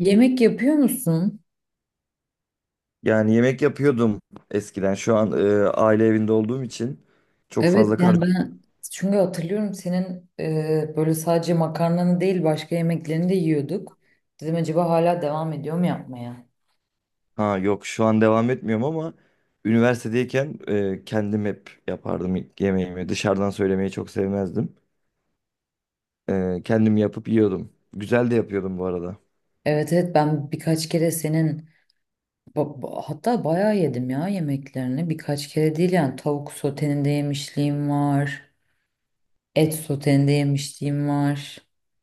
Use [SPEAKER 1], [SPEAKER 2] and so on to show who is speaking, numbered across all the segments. [SPEAKER 1] Yemek yapıyor musun?
[SPEAKER 2] Yani yemek yapıyordum eskiden. Şu an aile evinde olduğum için çok
[SPEAKER 1] Evet
[SPEAKER 2] fazla kar
[SPEAKER 1] yani ben çünkü hatırlıyorum senin böyle sadece makarnanı değil başka yemeklerini de yiyorduk. Dedim acaba hala devam ediyor mu yapmaya?
[SPEAKER 2] ha yok şu an devam etmiyorum ama üniversitedeyken kendim hep yapardım yemeğimi. Dışarıdan söylemeyi çok sevmezdim. Kendim yapıp yiyordum. Güzel de yapıyordum bu arada.
[SPEAKER 1] Evet evet ben birkaç kere senin hatta bayağı yedim ya yemeklerini. Birkaç kere değil yani tavuk soteninde yemişliğim var. Et soteninde yemişliğim var.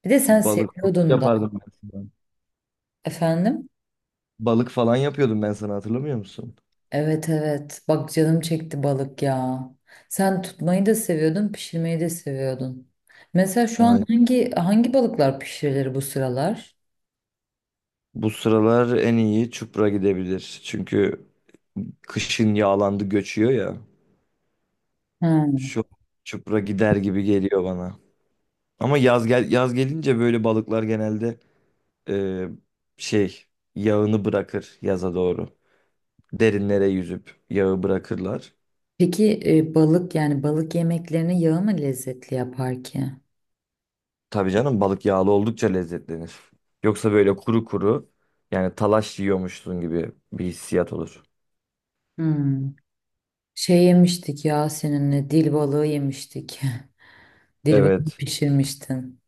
[SPEAKER 1] Bir de sen
[SPEAKER 2] Balık
[SPEAKER 1] seviyordun da.
[SPEAKER 2] yapardım ben sana.
[SPEAKER 1] Efendim?
[SPEAKER 2] Balık falan yapıyordum ben sana, hatırlamıyor musun?
[SPEAKER 1] Evet evet. Bak canım çekti balık ya. Sen tutmayı da seviyordun, pişirmeyi de seviyordun. Mesela şu an
[SPEAKER 2] Ay.
[SPEAKER 1] hangi balıklar pişirilir bu sıralar?
[SPEAKER 2] Bu sıralar en iyi çupra gidebilir. Çünkü kışın yağlandı, göçüyor ya.
[SPEAKER 1] Ha.
[SPEAKER 2] Şu çupra gider gibi geliyor bana. Ama yaz gelince böyle balıklar genelde e, şey yağını bırakır yaza doğru. Derinlere yüzüp yağı bırakırlar.
[SPEAKER 1] Peki balık yani balık yemeklerini yağı mı lezzetli yapar ki?
[SPEAKER 2] Tabii canım, balık yağlı oldukça lezzetlenir. Yoksa böyle kuru kuru, yani talaş yiyormuşsun gibi bir hissiyat olur.
[SPEAKER 1] Hmm. Şey yemiştik ya seninle dil balığı yemiştik. Dil balığı
[SPEAKER 2] Evet.
[SPEAKER 1] pişirmiştin.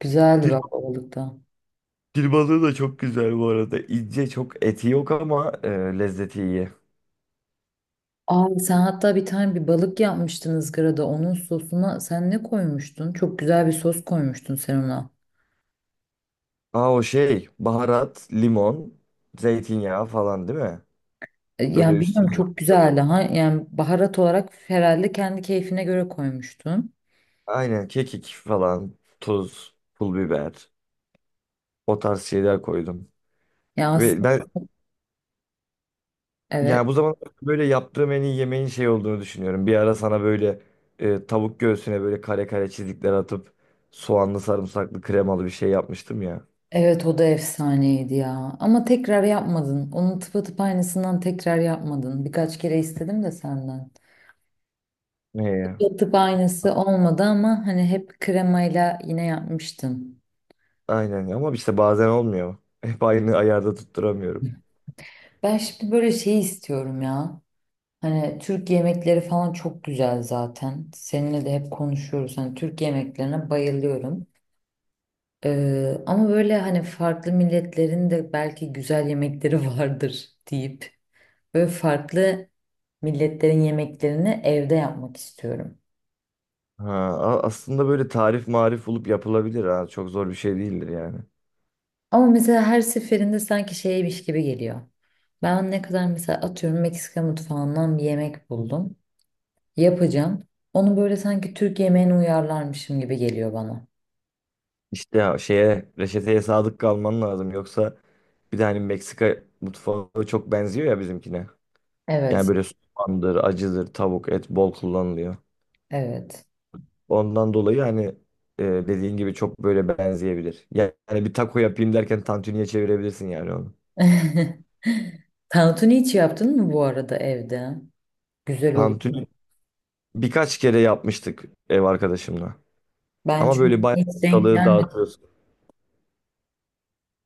[SPEAKER 1] Güzeldi
[SPEAKER 2] Dil,
[SPEAKER 1] bak o balık da.
[SPEAKER 2] Dil balığı da çok güzel bu arada. İnce, çok eti yok ama lezzeti iyi.
[SPEAKER 1] Aa, sen hatta bir tane bir balık yapmıştın ızgarada. Onun sosuna sen ne koymuştun? Çok güzel bir sos koymuştun sen ona.
[SPEAKER 2] Aa, o şey baharat, limon, zeytinyağı falan değil mi? Öyle
[SPEAKER 1] Yani bilmiyorum
[SPEAKER 2] üstüne.
[SPEAKER 1] çok güzeldi. Ha, yani baharat olarak herhalde kendi keyfine göre koymuştun.
[SPEAKER 2] Aynen kekik falan, tuz, pul biber, o tarz şeyler koydum.
[SPEAKER 1] Ya
[SPEAKER 2] Ve
[SPEAKER 1] aslında
[SPEAKER 2] ben
[SPEAKER 1] evet.
[SPEAKER 2] yani bu zaman böyle yaptığım en iyi yemeğin şey olduğunu düşünüyorum. Bir ara sana böyle tavuk göğsüne böyle kare kare çizikler atıp soğanlı sarımsaklı kremalı bir şey yapmıştım ya.
[SPEAKER 1] Evet o da efsaneydi ya. Ama tekrar yapmadın. Onun tıpatıp aynısından tekrar yapmadın. Birkaç kere istedim de senden.
[SPEAKER 2] Ne ya?
[SPEAKER 1] Tıpatıp aynısı olmadı ama hani hep kremayla yine yapmıştın.
[SPEAKER 2] Aynen ama işte bazen olmuyor. Hep aynı ayarda tutturamıyorum.
[SPEAKER 1] Ben şimdi böyle şey istiyorum ya. Hani Türk yemekleri falan çok güzel zaten. Seninle de hep konuşuyoruz. Hani Türk yemeklerine bayılıyorum. Ama böyle hani farklı milletlerin de belki güzel yemekleri vardır deyip böyle farklı milletlerin yemeklerini evde yapmak istiyorum.
[SPEAKER 2] Ha, aslında böyle tarif marif bulup yapılabilir ha. Çok zor bir şey değildir yani.
[SPEAKER 1] Ama mesela her seferinde sanki şeymiş gibi geliyor. Ben ne kadar mesela atıyorum Meksika mutfağından bir yemek buldum. Yapacağım. Onu böyle sanki Türk yemeğine uyarlarmışım gibi geliyor bana.
[SPEAKER 2] İşte ya şeye, reçeteye sadık kalman lazım yoksa. Bir de hani Meksika mutfağı çok benziyor ya bizimkine. Yani
[SPEAKER 1] Evet,
[SPEAKER 2] böyle soğandır, acıdır, tavuk, et bol kullanılıyor.
[SPEAKER 1] evet.
[SPEAKER 2] Ondan dolayı hani dediğin gibi çok böyle benzeyebilir. Yani bir taco yapayım derken tantuniye çevirebilirsin yani onu.
[SPEAKER 1] Tantuni hiç yaptın mı bu arada evde? Güzel olur.
[SPEAKER 2] Tantuni birkaç kere yapmıştık ev arkadaşımla.
[SPEAKER 1] Ben
[SPEAKER 2] Ama
[SPEAKER 1] çünkü
[SPEAKER 2] böyle bayağı
[SPEAKER 1] hiç denk
[SPEAKER 2] ortalığı
[SPEAKER 1] gelmedim.
[SPEAKER 2] dağıtıyorsun.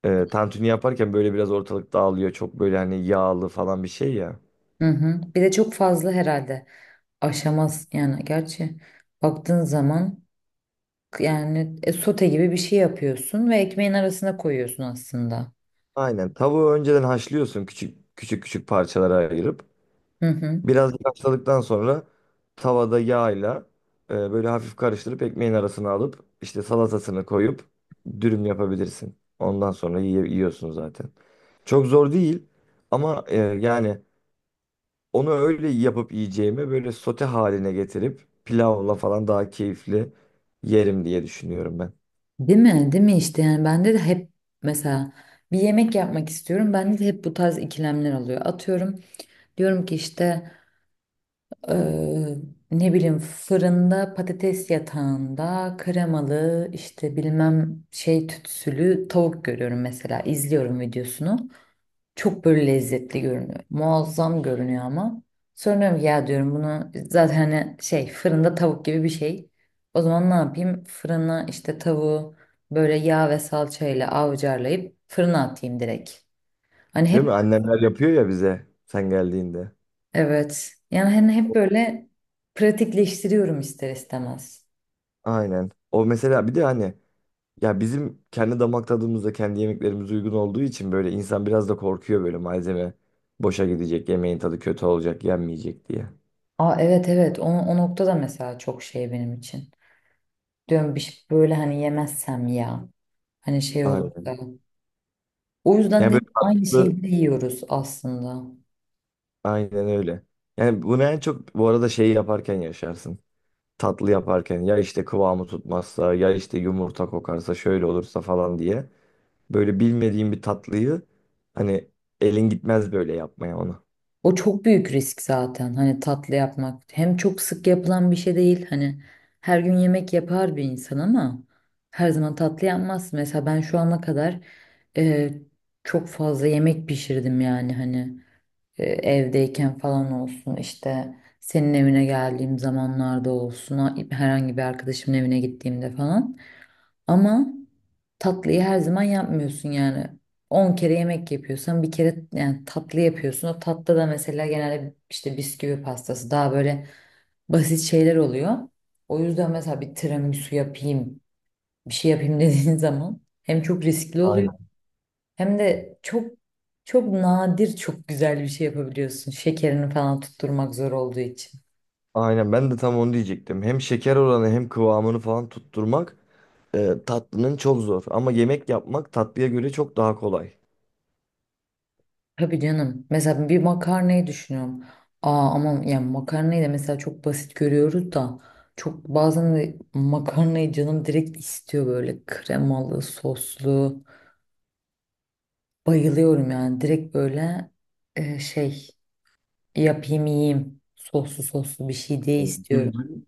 [SPEAKER 2] Tantuni yaparken böyle biraz ortalık dağılıyor. Çok böyle hani yağlı falan bir şey ya.
[SPEAKER 1] Hı hı. Bir de çok fazla herhalde aşamaz yani gerçi baktığın zaman yani sote gibi bir şey yapıyorsun ve ekmeğin arasına koyuyorsun aslında.
[SPEAKER 2] Aynen. Tavuğu önceden haşlıyorsun, küçük parçalara ayırıp.
[SPEAKER 1] Hı hı.
[SPEAKER 2] Biraz haşladıktan sonra tavada yağla böyle hafif karıştırıp ekmeğin arasına alıp işte salatasını koyup dürüm yapabilirsin. Ondan sonra yiyorsun zaten. Çok zor değil ama yani onu öyle yapıp yiyeceğime böyle sote haline getirip pilavla falan daha keyifli yerim diye düşünüyorum ben.
[SPEAKER 1] Değil mi? Değil mi işte yani bende de hep mesela bir yemek yapmak istiyorum. Bende de hep bu tarz ikilemler alıyor. Atıyorum diyorum ki işte Eee, ne bileyim fırında patates yatağında kremalı işte bilmem şey tütsülü tavuk görüyorum mesela izliyorum videosunu. Çok böyle lezzetli görünüyor. Muazzam görünüyor ama. Sonra diyorum ki, ya diyorum bunu zaten hani şey fırında tavuk gibi bir şey. O zaman ne yapayım? Fırına işte tavuğu böyle yağ ve salçayla avcarlayıp fırına atayım direkt. Hani
[SPEAKER 2] Değil mi?
[SPEAKER 1] hep
[SPEAKER 2] Annemler yapıyor ya bize sen geldiğinde.
[SPEAKER 1] evet yani hani hep böyle pratikleştiriyorum ister istemez.
[SPEAKER 2] Aynen. O mesela bir de hani ya bizim kendi damak tadımızda kendi yemeklerimiz uygun olduğu için böyle insan biraz da korkuyor, böyle malzeme boşa gidecek, yemeğin tadı kötü olacak, yenmeyecek diye.
[SPEAKER 1] Aa, evet evet o nokta da mesela çok şey benim için. Diyorum bir şey böyle hani yemezsem ya. Hani şey olur
[SPEAKER 2] Aynen.
[SPEAKER 1] da. O yüzden
[SPEAKER 2] Yani
[SPEAKER 1] de
[SPEAKER 2] böyle
[SPEAKER 1] hep aynı
[SPEAKER 2] tatlı,
[SPEAKER 1] şeyleri yiyoruz aslında.
[SPEAKER 2] aynen öyle. Yani bunu en çok bu arada şeyi yaparken yaşarsın. Tatlı yaparken ya işte kıvamı tutmazsa, ya işte yumurta kokarsa, şöyle olursa falan diye böyle bilmediğim bir tatlıyı hani elin gitmez böyle yapmaya onu.
[SPEAKER 1] O çok büyük risk zaten. Hani tatlı yapmak. Hem çok sık yapılan bir şey değil. Hani her gün yemek yapar bir insan ama her zaman tatlı yapmaz. Mesela ben şu ana kadar e, çok fazla yemek pişirdim yani hani. E evdeyken falan olsun işte senin evine geldiğim zamanlarda olsun herhangi bir arkadaşımın evine gittiğimde falan ama tatlıyı her zaman yapmıyorsun yani. 10 kere yemek yapıyorsan bir kere yani tatlı yapıyorsun. O tatlı da mesela genelde işte bisküvi pastası daha böyle basit şeyler oluyor. O yüzden mesela bir tiramisu yapayım bir şey yapayım dediğin zaman hem çok riskli oluyor
[SPEAKER 2] Aynen.
[SPEAKER 1] hem de çok nadir çok güzel bir şey yapabiliyorsun. Şekerini falan tutturmak zor olduğu için.
[SPEAKER 2] Aynen ben de tam onu diyecektim. Hem şeker oranı hem kıvamını falan tutturmak tatlının çok zor ama yemek yapmak tatlıya göre çok daha kolay.
[SPEAKER 1] Tabii canım. Mesela bir makarnayı düşünüyorum. Aa ama yani makarnayı da mesela çok basit görüyoruz da çok bazen de makarnayı canım direkt istiyor böyle kremalı, soslu. Bayılıyorum yani direkt böyle şey yapayım yiyeyim. Soslu bir şey diye
[SPEAKER 2] Evet.
[SPEAKER 1] istiyorum.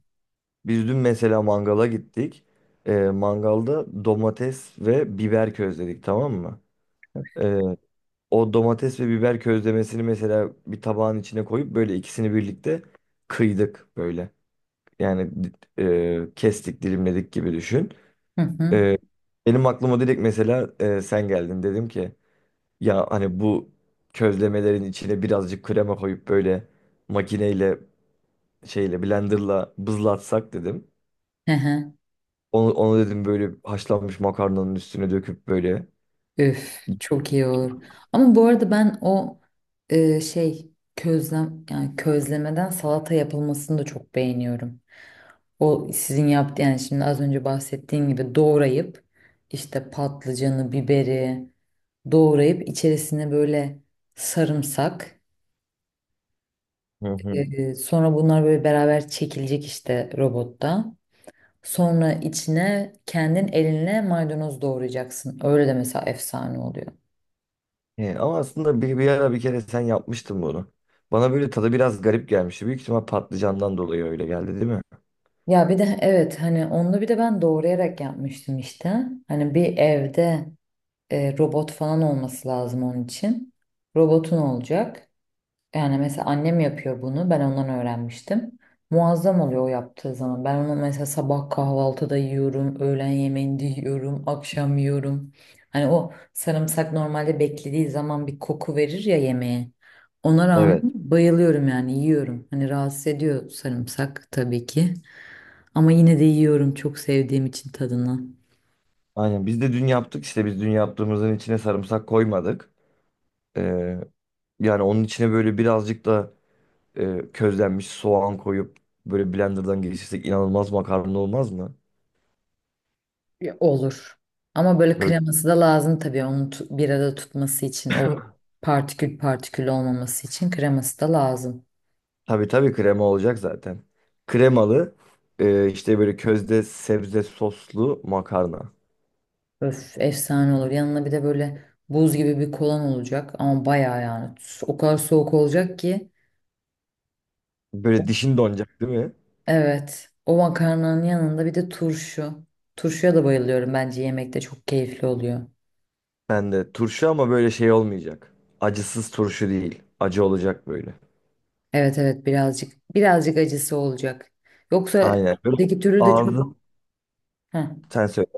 [SPEAKER 2] Biz dün mesela mangala gittik. E, mangalda domates ve biber közledik, tamam mı? E, O domates ve biber közlemesini mesela bir tabağın içine koyup böyle ikisini birlikte kıydık böyle. Yani kestik, dilimledik gibi düşün.
[SPEAKER 1] Hı hı.
[SPEAKER 2] E, Benim aklıma direkt mesela sen geldin, dedim ki ya hani bu közlemelerin içine birazcık krema koyup böyle makineyle, blenderla bızlatsak dedim.
[SPEAKER 1] Hı hı.
[SPEAKER 2] Onu dedim böyle haşlanmış makarnanın üstüne döküp böyle.
[SPEAKER 1] Üf, çok iyi olur. Ama bu arada ben şey közlem yani közlemeden salata yapılmasını da çok beğeniyorum. O sizin yaptığınız yani şimdi az önce bahsettiğin gibi doğrayıp işte patlıcanı, biberi doğrayıp içerisine böyle sarımsak,
[SPEAKER 2] Hı hı.
[SPEAKER 1] sonra bunlar böyle beraber çekilecek işte robotta. Sonra içine kendin elinle maydanoz doğrayacaksın. Öyle de mesela efsane oluyor.
[SPEAKER 2] He, ama aslında bir ara bir kere sen yapmıştın bunu. Bana böyle tadı biraz garip gelmişti. Büyük ihtimal patlıcandan dolayı öyle geldi değil mi?
[SPEAKER 1] Ya bir de evet hani onu bir de ben doğrayarak yapmıştım işte. Hani bir evde robot falan olması lazım onun için. Robotun olacak. Yani mesela annem yapıyor bunu. Ben ondan öğrenmiştim. Muazzam oluyor o yaptığı zaman. Ben onu mesela sabah kahvaltıda yiyorum, öğlen yemeğinde yiyorum, akşam yiyorum. Hani o sarımsak normalde beklediği zaman bir koku verir ya yemeğe. Ona rağmen
[SPEAKER 2] Evet.
[SPEAKER 1] bayılıyorum yani yiyorum. Hani rahatsız ediyor sarımsak tabii ki. Ama yine de yiyorum çok sevdiğim için tadını.
[SPEAKER 2] Aynen biz de dün yaptık, işte biz dün yaptığımızın içine sarımsak koymadık. Ee, yani onun içine böyle birazcık da közlenmiş soğan koyup böyle blenderdan geçirsek inanılmaz makarna olmaz mı?
[SPEAKER 1] Ya, olur. Ama böyle
[SPEAKER 2] Böyle
[SPEAKER 1] kreması da lazım tabii onu bir arada tutması için, o partikül partikül olmaması için kreması da lazım.
[SPEAKER 2] tabii krema olacak zaten. Kremalı işte böyle közde sebze soslu makarna.
[SPEAKER 1] Öf efsane olur. Yanına bir de böyle buz gibi bir kolan olacak ama bayağı yani o kadar soğuk olacak ki.
[SPEAKER 2] Böyle dişin donacak değil mi?
[SPEAKER 1] Evet o makarnanın yanında bir de turşu. Turşuya da bayılıyorum, bence yemekte çok keyifli oluyor.
[SPEAKER 2] Ben de turşu ama böyle şey olmayacak. Acısız turşu değil. Acı olacak böyle.
[SPEAKER 1] Evet evet birazcık acısı olacak. Yoksa
[SPEAKER 2] Aynen. Böyle
[SPEAKER 1] öteki türlü de çok.
[SPEAKER 2] ağzım,
[SPEAKER 1] Heh.
[SPEAKER 2] sen söyle.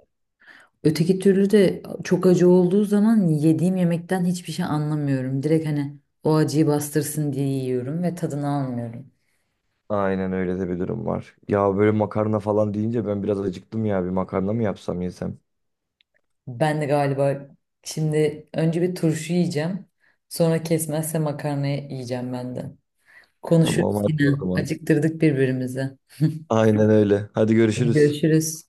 [SPEAKER 1] Öteki türlü de çok acı olduğu zaman yediğim yemekten hiçbir şey anlamıyorum. Direkt hani o acıyı bastırsın diye yiyorum ve tadını almıyorum.
[SPEAKER 2] Aynen öyle de bir durum var. Ya böyle makarna falan deyince ben biraz acıktım ya. Bir makarna mı yapsam yesem?
[SPEAKER 1] Ben de galiba şimdi önce bir turşu yiyeceğim. Sonra kesmezse makarna yiyeceğim ben de.
[SPEAKER 2] Tamam,
[SPEAKER 1] Konuşuruz
[SPEAKER 2] hadi o
[SPEAKER 1] yine.
[SPEAKER 2] zaman.
[SPEAKER 1] Acıktırdık birbirimizi.
[SPEAKER 2] Aynen öyle. Hadi
[SPEAKER 1] Hadi
[SPEAKER 2] görüşürüz.
[SPEAKER 1] görüşürüz.